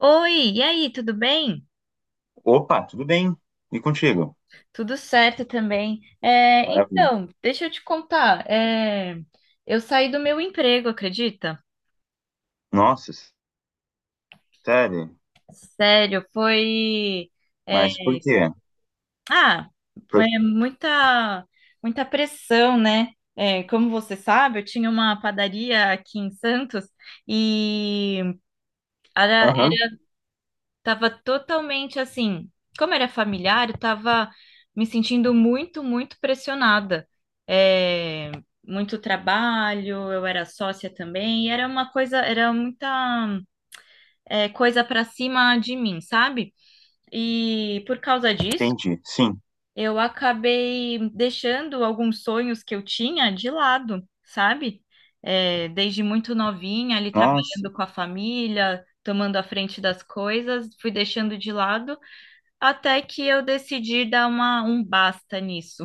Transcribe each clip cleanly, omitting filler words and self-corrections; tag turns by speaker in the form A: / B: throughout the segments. A: Oi, e aí, tudo bem?
B: Opa, tudo bem? E contigo?
A: Tudo certo também. É,
B: Maravilha.
A: então, deixa eu te contar. Eu saí do meu emprego, acredita?
B: Nossa, sério?
A: Sério, foi. é,
B: Mas por quê?
A: ah,
B: Por-
A: É muita pressão, né? É, como você sabe, eu tinha uma padaria aqui em Santos e era,
B: Aham.
A: Tava totalmente assim, como era familiar, eu tava me sentindo muito pressionada. É, muito trabalho, eu era sócia também, e era uma coisa, era muita coisa para cima de mim, sabe? E por causa disso,
B: Entendi. Sim.
A: eu acabei deixando alguns sonhos que eu tinha de lado, sabe? É, desde muito novinha, ali
B: Nossa.
A: trabalhando com a família, tomando a frente das coisas, fui deixando de lado. Até que eu decidi dar um basta nisso.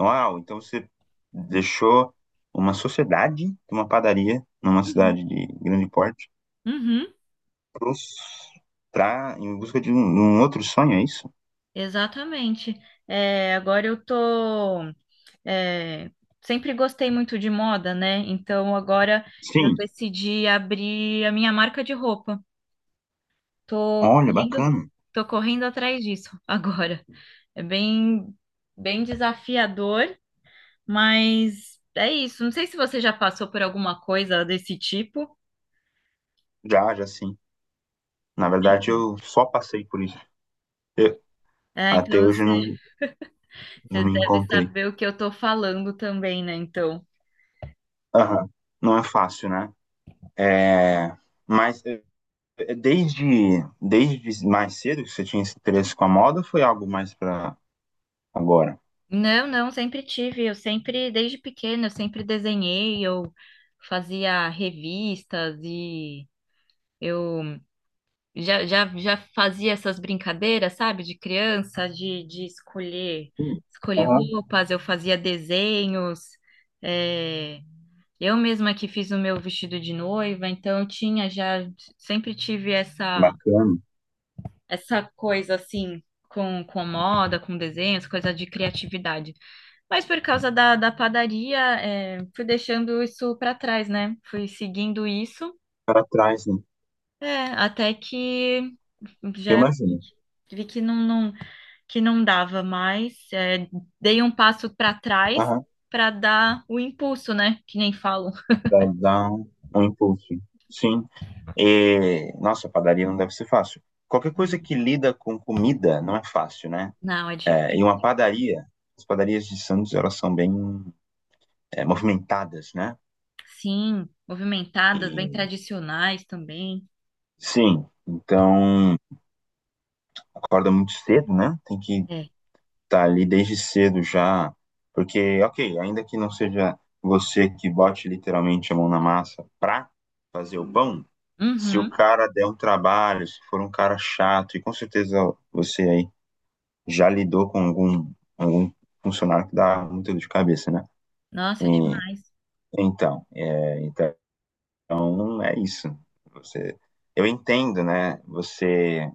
B: Uau, então você deixou uma sociedade de uma padaria numa cidade
A: Uhum.
B: de grande porte
A: Uhum.
B: pros- pra, em busca de um outro sonho, é isso?
A: Exatamente. É, agora eu tô. É, sempre gostei muito de moda, né? Então agora eu
B: Sim.
A: decidi abrir a minha marca de roupa. Tô
B: Olha,
A: correndo,
B: bacana.
A: Tô correndo atrás disso agora. É bem desafiador, mas é isso. Não sei se você já passou por alguma coisa desse tipo.
B: Já, já sim. Na verdade, eu só passei por isso. Eu-
A: É,
B: até
A: então
B: hoje eu
A: você
B: não
A: Você
B: me
A: deve
B: encontrei.
A: saber o que eu tô falando também, né? Então.
B: Aham. Não é fácil, né? É, mas desde, desde mais cedo que você tinha esse interesse com a moda, ou foi algo mais para agora?
A: Não, não, sempre tive. Eu sempre, desde pequena, eu sempre desenhei, eu fazia revistas e eu já fazia essas brincadeiras, sabe, de criança, de
B: Hum,
A: escolher
B: aham,
A: roupas, eu fazia desenhos. É, eu mesma que fiz o meu vestido de noiva, então eu sempre tive essa
B: bacana.
A: coisa assim com moda, com desenhos, coisa de criatividade. Mas por causa da padaria, é, fui deixando isso para trás, né? Fui seguindo isso,
B: Para trás, né?
A: é, até que
B: Eu
A: já
B: imagino.
A: vi que não, que não dava mais. É, dei um passo para trás
B: Aham,
A: para dar o impulso, né? Que nem falo.
B: para dar um impulso. Sim. E, nossa, padaria não deve ser fácil. Qualquer coisa que lida com comida não é fácil, né?
A: Não, é
B: É, e uma
A: difícil.
B: padaria, as padarias de Santos, elas são bem movimentadas, né?
A: Sim, movimentadas, bem
B: E,
A: tradicionais também.
B: sim, então acorda muito cedo, né? Tem que
A: É.
B: tá ali desde cedo já, porque, ok, ainda que não seja você que bote literalmente a mão na massa pra fazer o pão, se o
A: Uhum.
B: cara der um trabalho, se for um cara chato, e com certeza você aí já lidou com algum funcionário que dá muita dor de cabeça, né?
A: Nossa, é
B: E,
A: demais.
B: então, é, então é isso. Você, eu entendo, né? Você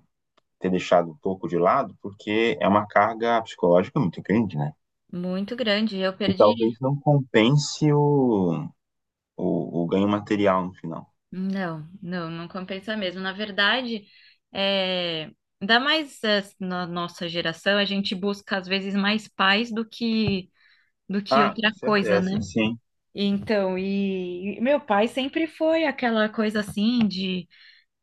B: ter deixado um pouco de lado, porque é uma carga psicológica muito grande, né?
A: Muito grande. Eu
B: E
A: perdi.
B: talvez não compense o ganho material no final.
A: Não, não, não compensa mesmo. Na verdade, é... ainda mais na nossa geração, a gente busca às vezes mais paz do que
B: Ah, com
A: outra coisa, né?
B: certeza, sim.
A: Então, e meu pai sempre foi aquela coisa assim de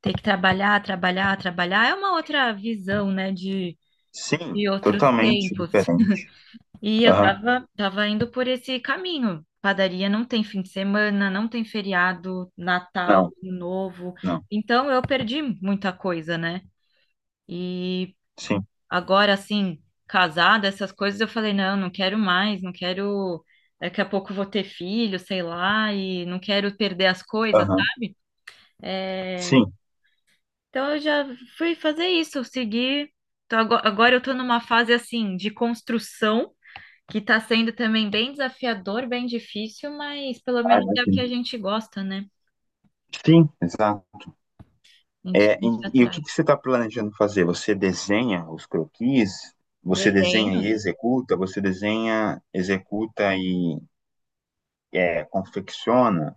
A: ter que trabalhar, trabalhar, trabalhar. É uma outra visão, né,
B: Sim,
A: de outros
B: totalmente
A: tempos.
B: diferente.
A: E eu
B: Aham.
A: tava indo por esse caminho. Padaria não tem fim de semana, não tem feriado, Natal,
B: Não,
A: Ano Novo.
B: não.
A: Então eu perdi muita coisa, né? E
B: Sim,
A: agora, assim, casada, essas coisas, eu falei, não, não quero mais, não quero. Daqui a pouco eu vou ter filho, sei lá, e não quero perder as coisas,
B: aham.
A: sabe? É,
B: Sim.
A: então eu já fui fazer isso, seguir. Então, agora eu tô numa fase assim de construção. Que tá sendo também bem desafiador, bem difícil, mas pelo
B: Ah,
A: menos é o que
B: imagino.
A: a gente gosta, né?
B: Sim, exato.
A: A gente
B: É,
A: tem que ir
B: e o que que
A: atrás.
B: você está planejando fazer? Você desenha os croquis? Você desenha e
A: Desenho?
B: executa? Você desenha, executa e confecciona?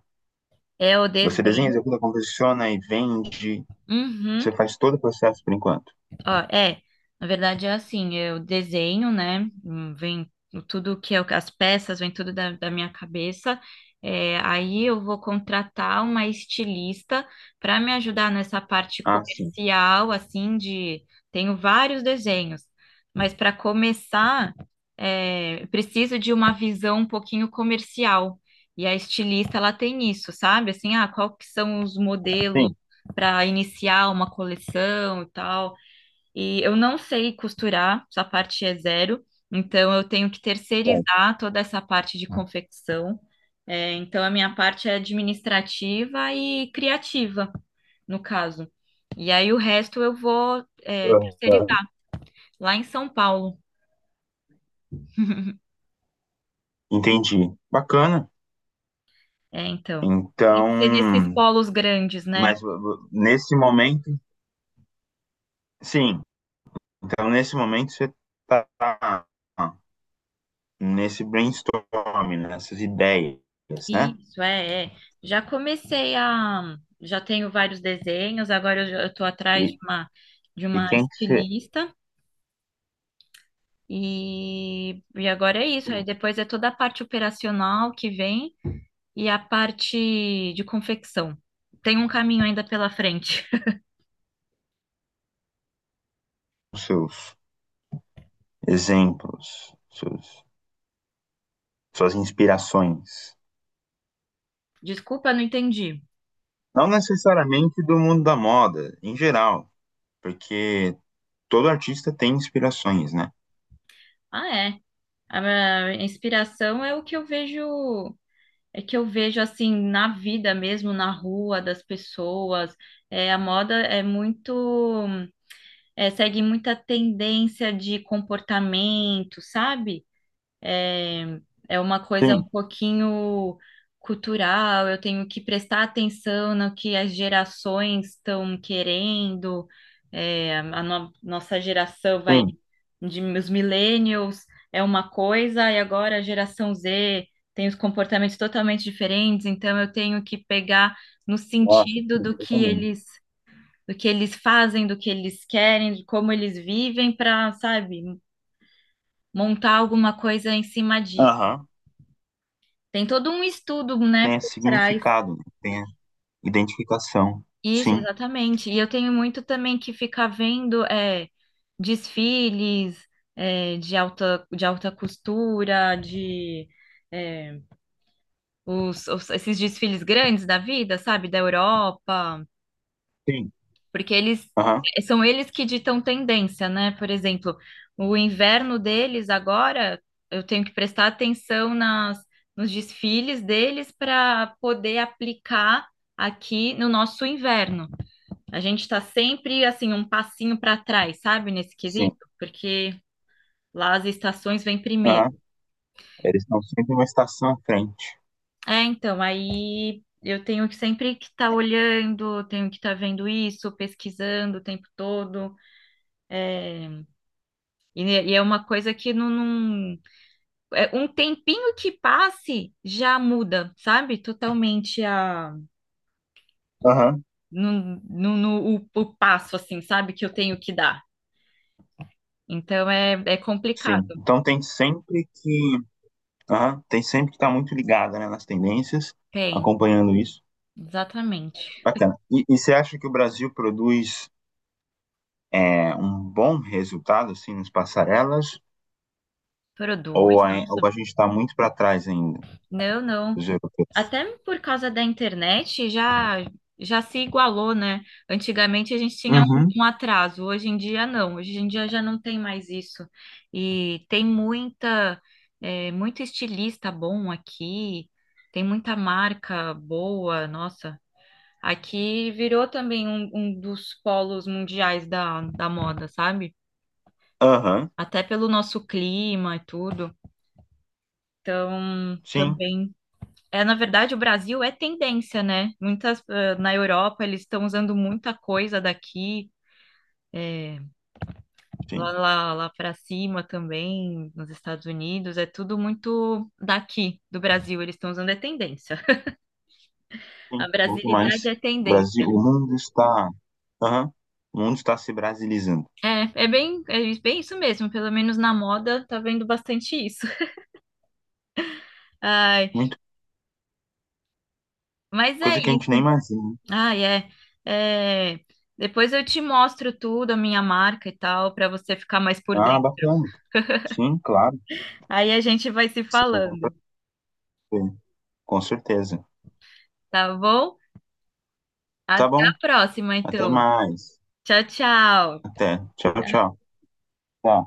A: É o
B: Você desenha,
A: desenho.
B: executa, confecciona e vende?
A: Uhum.
B: Você faz todo o processo por enquanto?
A: Ó, é, na verdade é assim, eu desenho, né? Vem as peças, vem tudo da minha cabeça. É, aí eu vou contratar uma estilista para me ajudar nessa parte
B: Ah, sim.
A: comercial, assim, de. Tenho vários desenhos, mas para começar, é, preciso de uma visão um pouquinho comercial. E a estilista, ela tem isso, sabe? Assim, ah, qual que são os modelos
B: Sim.
A: para iniciar uma coleção e tal. E eu não sei costurar, essa parte é zero, então eu tenho que
B: É.
A: terceirizar toda essa parte de confecção. É, então a minha parte é administrativa e criativa, no caso. E aí o resto eu vou, é, terceirizar
B: Aham.
A: lá em São Paulo.
B: Entendi. Bacana.
A: É, então. Tem que ser nesses
B: Então,
A: polos grandes, né?
B: mas nesse momento, sim. Então, nesse momento, você está nesse brainstorm, nessas ideias, né?
A: Isso, é, é. Já comecei a. Já tenho vários desenhos, agora eu estou atrás
B: E,
A: de de
B: e
A: uma
B: quem que você,
A: estilista. E agora é isso. Aí
B: sim,
A: depois é toda a parte operacional que vem e a parte de confecção. Tem um caminho ainda pela frente.
B: os seus exemplos, seus, suas inspirações.
A: Desculpa, não entendi.
B: Não necessariamente do mundo da moda, em geral, porque todo artista tem inspirações, né?
A: Ah, é. A minha inspiração é o que eu vejo, é que eu vejo assim na vida mesmo, na rua das pessoas. É, a moda é é, segue muita tendência de comportamento, sabe? É, é uma coisa um
B: Sim,
A: pouquinho cultural, eu tenho que prestar atenção no que as gerações estão querendo, é, a no- nossa geração vai,
B: sim.
A: de, os millennials é uma coisa, e agora a geração Z tem os comportamentos totalmente diferentes, então eu tenho que pegar no
B: Nossa,
A: sentido
B: sim,
A: do que
B: totalmente.
A: do que eles fazem, do que eles querem, de como eles vivem, para, sabe, montar alguma coisa em cima disso.
B: Aham.
A: Tem todo um estudo, né,
B: Tenha
A: por trás.
B: significado, né? Tenha identificação.
A: Isso,
B: Sim.
A: exatamente. E eu tenho muito também que ficar vendo é, desfiles é, de de alta costura, de é, esses desfiles grandes da vida, sabe? Da Europa.
B: Sim.
A: Porque eles
B: Aham.
A: são eles que ditam tendência, né? Por exemplo, o inverno deles agora, eu tenho que prestar atenção nos desfiles deles para poder aplicar aqui no nosso inverno. A gente está sempre assim um passinho para trás, sabe, nesse
B: Sim.
A: quesito, porque lá as estações vêm primeiro.
B: Aham. Eles estão sempre uma estação à frente.
A: É, então, aí eu tenho que sempre que estar olhando, tenho que estar vendo isso, pesquisando o tempo todo. É, e é uma coisa que é um tempinho que passe já muda, sabe? Totalmente a
B: Aham.
A: o passo assim, sabe? Que eu tenho que dar. Então é complicado.
B: Sim. Então tem sempre que. Aham. Tem sempre que estar muito ligada, né, nas tendências,
A: Tem,
B: acompanhando isso.
A: exatamente.
B: Bacana. E você acha que o Brasil produz um bom resultado, assim, nas passarelas? Ou
A: Produz,
B: ou
A: nossa.
B: a gente está muito para trás ainda
A: Não, não.
B: dos europeus?
A: Até por causa da internet já já se igualou, né? Antigamente a gente tinha
B: Uhum.
A: um atraso, hoje em dia não, hoje em dia já não tem mais isso. E tem muita muito estilista bom aqui, tem muita marca boa, nossa. Aqui virou também um dos polos mundiais da moda, sabe?
B: Aham.
A: Até pelo nosso clima e tudo. Então,
B: Sim.
A: também. É, na verdade, o Brasil é tendência, né? Muitas, eh, na Europa, eles estão usando muita coisa daqui, eh,
B: Sim.
A: lá para cima também, nos Estados Unidos, é tudo muito daqui, do Brasil, eles estão usando é tendência.
B: Sim,
A: A
B: muito
A: brasilidade
B: mais.
A: é
B: O
A: tendência.
B: Brasil, o mundo está, aham, o mundo está se brasilizando.
A: É, é bem isso mesmo, pelo menos na moda, tá vendo bastante isso. Ai,
B: Muito,
A: mas é
B: coisa que a gente nem
A: isso.
B: imagina.
A: Ai, é. É, depois eu te mostro tudo, a minha marca e tal, para você ficar mais por
B: Ah,
A: dentro.
B: bacana. Sim, claro.
A: Aí a gente vai se
B: Sim,
A: falando,
B: com certeza. Com certeza.
A: tá bom?
B: Tá
A: Até
B: bom.
A: a próxima,
B: Até
A: então.
B: mais.
A: Tchau, tchau.
B: Até. Tchau, tchau. Tá.